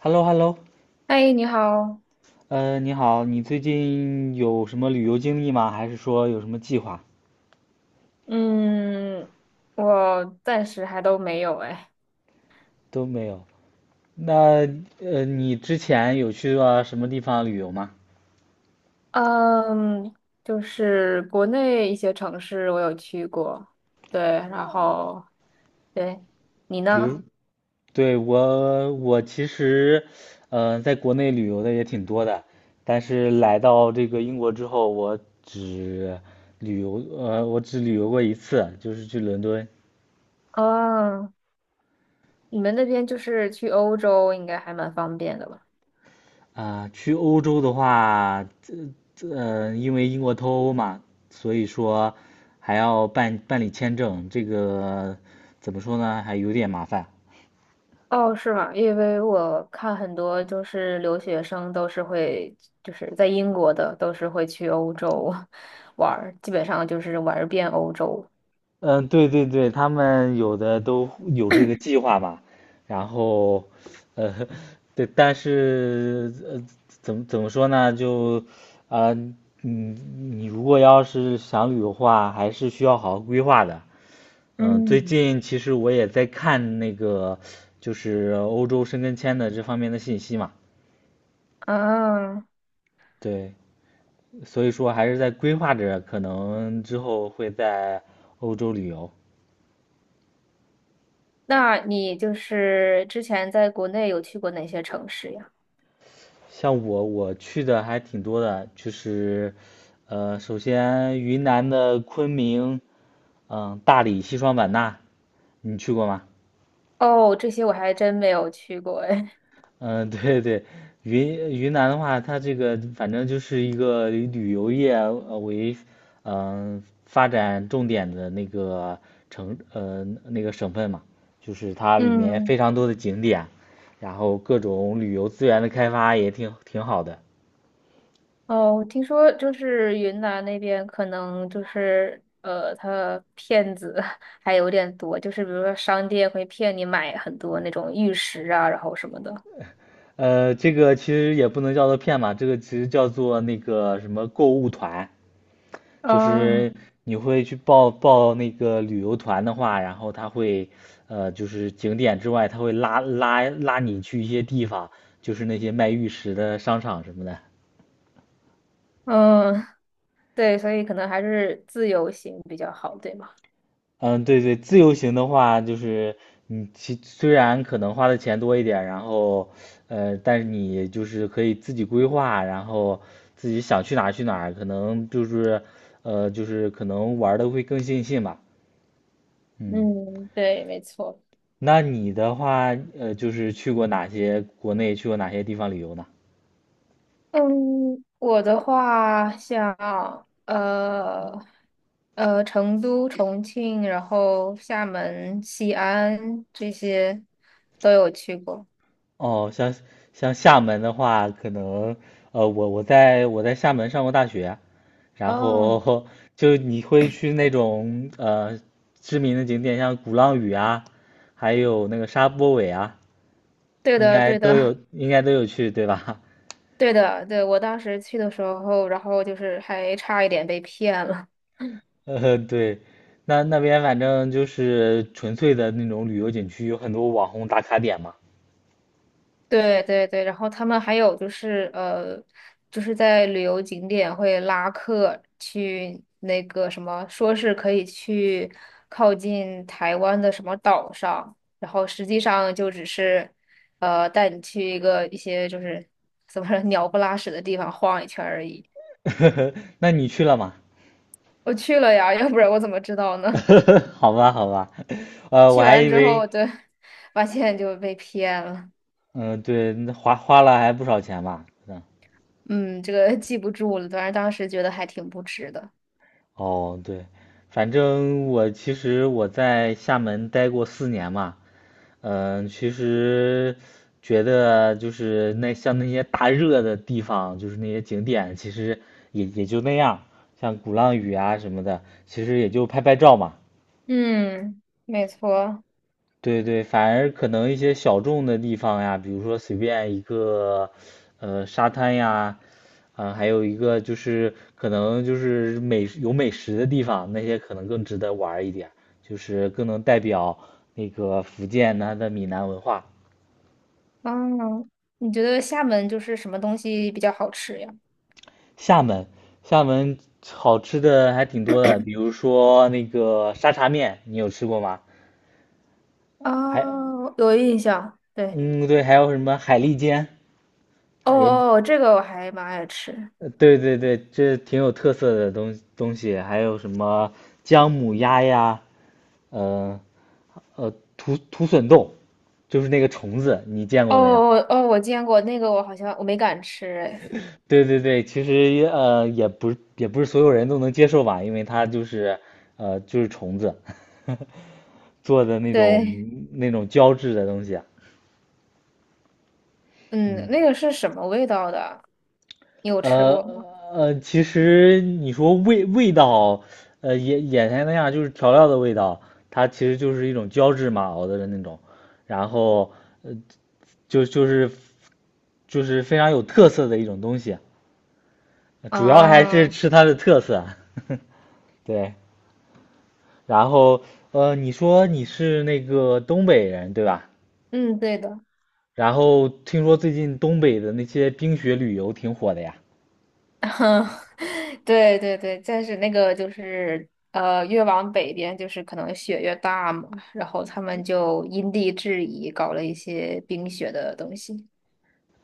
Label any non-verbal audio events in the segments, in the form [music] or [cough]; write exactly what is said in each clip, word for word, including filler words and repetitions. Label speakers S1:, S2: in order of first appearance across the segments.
S1: h e l l o h e l l o
S2: 嗨，你好。
S1: 呃，你好，你最近有什么旅游经历吗？还是说有什么计划？
S2: 嗯，我暂时还都没有哎。
S1: 都没有。那呃，你之前有去过什么地方旅游吗？
S2: 嗯，就是国内一些城市我有去过，对，然后对，你
S1: 比如，
S2: 呢？
S1: 对，我，我其实，呃，在国内旅游的也挺多的，但是来到这个英国之后，我只旅游，呃，我只旅游过一次，就是去伦敦。
S2: 哦，你们那边就是去欧洲应该还蛮方便的吧？
S1: 啊、去欧洲的话，嗯，因为英国脱欧嘛，所以说还要办办理签证，这个怎么说呢，还有点麻烦。
S2: 哦，是吗？因为我看很多就是留学生都是会，就是在英国的都是会去欧洲 [laughs] 玩儿，基本上就是玩儿遍欧洲。
S1: 嗯，对对对，他们有的都有这个计划嘛，然后，呃，[laughs] 对，但是呃，怎么怎么说呢，就，啊，你你如果要是想旅游的话，还是需要好好规划的。嗯，最
S2: 嗯。
S1: 近其实我也在看那个，就是欧洲申根签的这方面的信息嘛。
S2: 啊，
S1: 对，所以说还是在规划着，可能之后会在欧洲旅游。
S2: 那你就是之前在国内有去过哪些城市呀？
S1: 像我，我去的还挺多的，就是，呃，首先云南的昆明，嗯、大理、西双版纳，你去过吗？
S2: 哦，这些我还真没有去过哎。
S1: 嗯，对对，云云南的话，它这个反正就是一个以旅游业呃为嗯、呃发展重点的那个城呃那个省份嘛，就是它
S2: [laughs]
S1: 里面
S2: 嗯，
S1: 非常多的景点，然后各种旅游资源的开发也挺挺好的。
S2: 哦，听说就是云南那边可能就是呃，他骗子 [laughs] 还有点多，就是比如说商店会骗你买很多那种玉石啊，然后什么的。
S1: 呃，这个其实也不能叫做骗嘛，这个其实叫做那个什么购物团，就
S2: 嗯
S1: 是你会去报报那个旅游团的话，然后他会，呃，就是景点之外，他会拉拉拉你去一些地方，就是那些卖玉石的商场什么的。
S2: 嗯，[laughs] 对，所以可能还是自由行比较好，对吗？
S1: 嗯，对对，自由行的话，就是你其虽然可能花的钱多一点，然后，呃，但是你就是可以自己规划，然后自己想去哪儿去哪儿，可能就是，呃，就是可能玩的会更尽兴吧。嗯。
S2: 嗯，对，没错。
S1: 那你的话，呃，就是去过哪些国内，去过哪些地方旅游呢？
S2: 嗯，我的话像呃呃成都、重庆，然后厦门、西安这些都有去过。
S1: 哦，像像厦门的话，可能呃，我我在我在厦门上过大学，然
S2: 哦，
S1: 后就你会去那种呃知名的景点，像鼓浪屿啊，还有那个沙坡尾啊，
S2: 对
S1: 应
S2: 的，
S1: 该
S2: 对
S1: 都
S2: 的，
S1: 有，应该都有去，对吧？
S2: [laughs] 对的，对，我当时去的时候，然后就是还差一点被骗了。
S1: [laughs] 呃，对，那那边反正就是纯粹的那种旅游景区，有很多网红打卡点嘛。
S2: 对对对，然后他们还有就是呃，就是在旅游景点会拉客去那个什么，说是可以去靠近台湾的什么岛上，然后实际上就只是呃带你去一个一些就是怎么说鸟不拉屎的地方晃一圈而已。
S1: [laughs] 那你去了吗？
S2: 我去了呀，要不然我怎么知道呢？[laughs]
S1: [laughs] 好吧，好吧，呃，我
S2: 去
S1: 还
S2: 完
S1: 以
S2: 之
S1: 为，
S2: 后，对，发现就被骗了。
S1: 嗯、对，那花花了还不少钱吧？嗯，
S2: 嗯，这个记不住了，反正当时觉得还挺不值的。
S1: 哦，对，反正我其实我在厦门待过四年嘛，嗯、其实觉得就是那像那些大热的地方，就是那些景点，其实也也就那样，像鼓浪屿啊什么的，其实也就拍拍照嘛。
S2: 嗯，没错。
S1: 对对，反而可能一些小众的地方呀，比如说随便一个，呃，沙滩呀，啊、还有一个就是可能就是美有美食的地方，那些可能更值得玩儿一点，就是更能代表那个福建它的闽南文化。
S2: 嗯，你觉得厦门就是什么东西比较好吃呀？
S1: 厦门，厦门好吃的还挺多的，比如说那个沙茶面，你有吃过吗？还，
S2: 哦，有印象。对，
S1: 嗯，对，还有什么海蛎煎，
S2: 哦
S1: 啊也
S2: 哦，这个我还蛮爱吃。
S1: 呃对对对，这挺有特色的东东西，还有什么姜母鸭呀，呃呃，土土笋冻，就是那个虫子，你见
S2: 哦
S1: 过没有？
S2: 哦哦，我见过那个，我好像我没敢吃。哎，
S1: 对对对，其实呃也不是也不是所有人都能接受吧，因为它就是呃就是虫子 [laughs] 做的那种
S2: 对，
S1: 那种胶质的东西啊
S2: 嗯，
S1: 嗯。
S2: 那个是什么味道的？你有吃
S1: 呃
S2: 过吗？
S1: 呃，其实你说味味道，呃，眼眼前那样就是调料的味道，它其实就是一种胶质嘛熬的那种，然后就就是就是非常有特色的一种东西，主要还是
S2: 啊，
S1: 吃它的特色。[laughs] 对，然后呃，你说你是那个东北人对吧？
S2: 嗯，对的。
S1: 然后听说最近东北的那些冰雪旅游挺火的呀，
S2: [laughs] 对对对，但是那个就是呃，越往北边就是可能雪越大嘛，然后他们就因地制宜搞了一些冰雪的东西。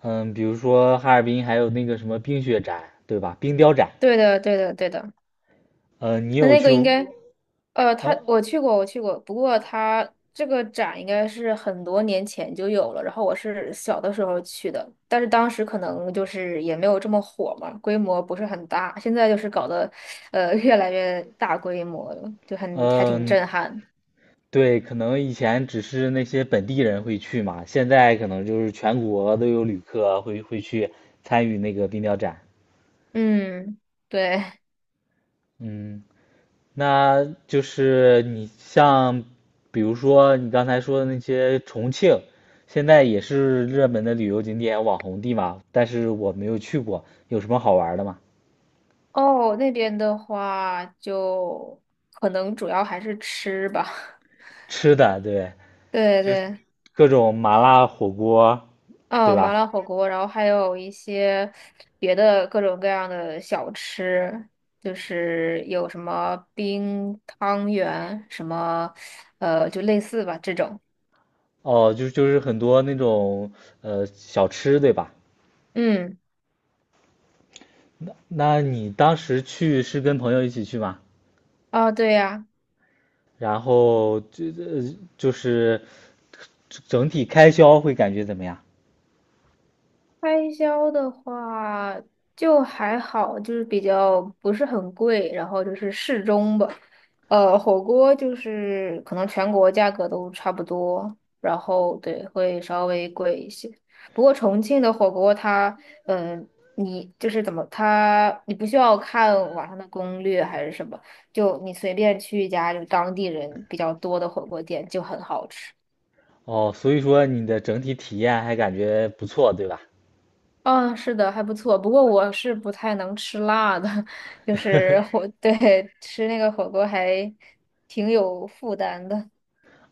S1: 嗯，比如说哈尔滨还有那个什么冰雪展对吧？冰雕展。
S2: 对的，对的，对的。
S1: 呃，你
S2: 那
S1: 有
S2: 那
S1: 去
S2: 个应该，呃，
S1: 呃
S2: 他我去过，我去过，不过他这个展应该是很多年前就有了，然后我是小的时候去的，但是当时可能就是也没有这么火嘛，规模不是很大，现在就是搞得，呃，越来越大规模了，就很还挺
S1: 嗯、
S2: 震撼。
S1: 对，可能以前只是那些本地人会去嘛，现在可能就是全国都有旅客会会去参与那个冰雕展。
S2: 嗯，对。
S1: 嗯，那就是你像，比如说你刚才说的那些重庆，现在也是热门的旅游景点、网红地嘛，但是我没有去过，有什么好玩的吗？
S2: 哦，那边的话就可能主要还是吃吧。
S1: 吃的，对，
S2: [laughs] 对对。
S1: 各种麻辣火锅，对
S2: 哦，
S1: 吧？
S2: 麻辣火锅，然后还有一些别的各种各样的小吃，就是有什么冰汤圆，什么，呃，就类似吧这种。
S1: 哦，就就是很多那种呃小吃，对吧？
S2: 嗯，
S1: 那你当时去是跟朋友一起去吗？
S2: 哦，对呀、
S1: 然后就呃就是整体开销会感觉怎么样？
S2: 开销的话就还好，就是比较不是很贵，然后就是适中吧。呃，火锅就是可能全国价格都差不多，然后对，会稍微贵一些。不过重庆的火锅它，嗯、你就是怎么它，你不需要看网上的攻略还是什么，就你随便去一家就是当地人比较多的火锅店就很好吃。
S1: 哦，所以说你的整体体验还感觉不错，对吧？
S2: 嗯，是的，还不错。不过我是不太能吃辣的，[laughs] 就是火，[laughs] 对，吃那个火锅还挺有负担的。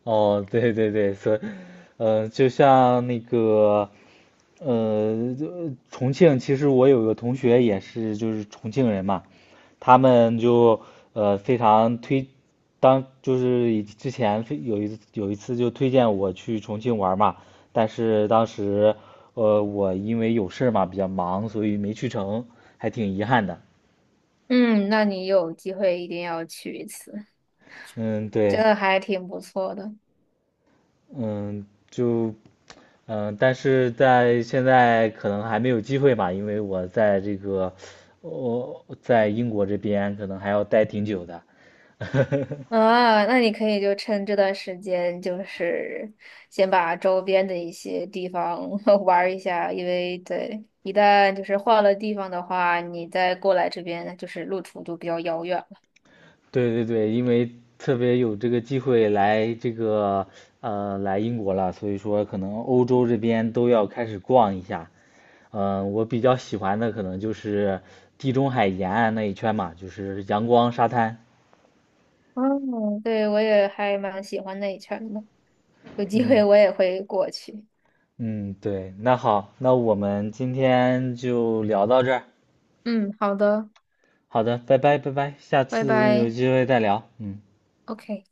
S1: 哦，对对对，所以，呃，就像那个，呃，就重庆，其实我有个同学也是，就是重庆人嘛，他们就呃非常推，当就是以之前非有一有一次就推荐我去重庆玩嘛，但是当时呃我因为有事儿嘛比较忙，所以没去成，还挺遗憾的。
S2: 嗯，那你有机会一定要去一次，
S1: 嗯，
S2: 真
S1: 对。
S2: 的还挺不错的。
S1: 嗯，就，嗯，但是在现在可能还没有机会吧，因为我在这个，我在英国这边可能还要待挺久的。[laughs]
S2: 啊，那你可以就趁这段时间，就是先把周边的一些地方 [laughs] 玩儿一下，因为对，一旦就是换了地方的话，你再过来这边就是路途就比较遥远了。
S1: 对对对，因为特别有这个机会来这个，呃，来英国了，所以说可能欧洲这边都要开始逛一下。嗯，我比较喜欢的可能就是地中海沿岸那一圈嘛，就是阳光沙滩。
S2: 嗯，对，我也还蛮喜欢那一圈的。有机会
S1: 嗯。
S2: 我也会过去。
S1: 嗯，对，那好，那我们今天就聊到这儿。
S2: 嗯，好的，
S1: 好的，拜拜，拜拜，下
S2: 拜
S1: 次有
S2: 拜
S1: 机会再聊。嗯。
S2: ，OK。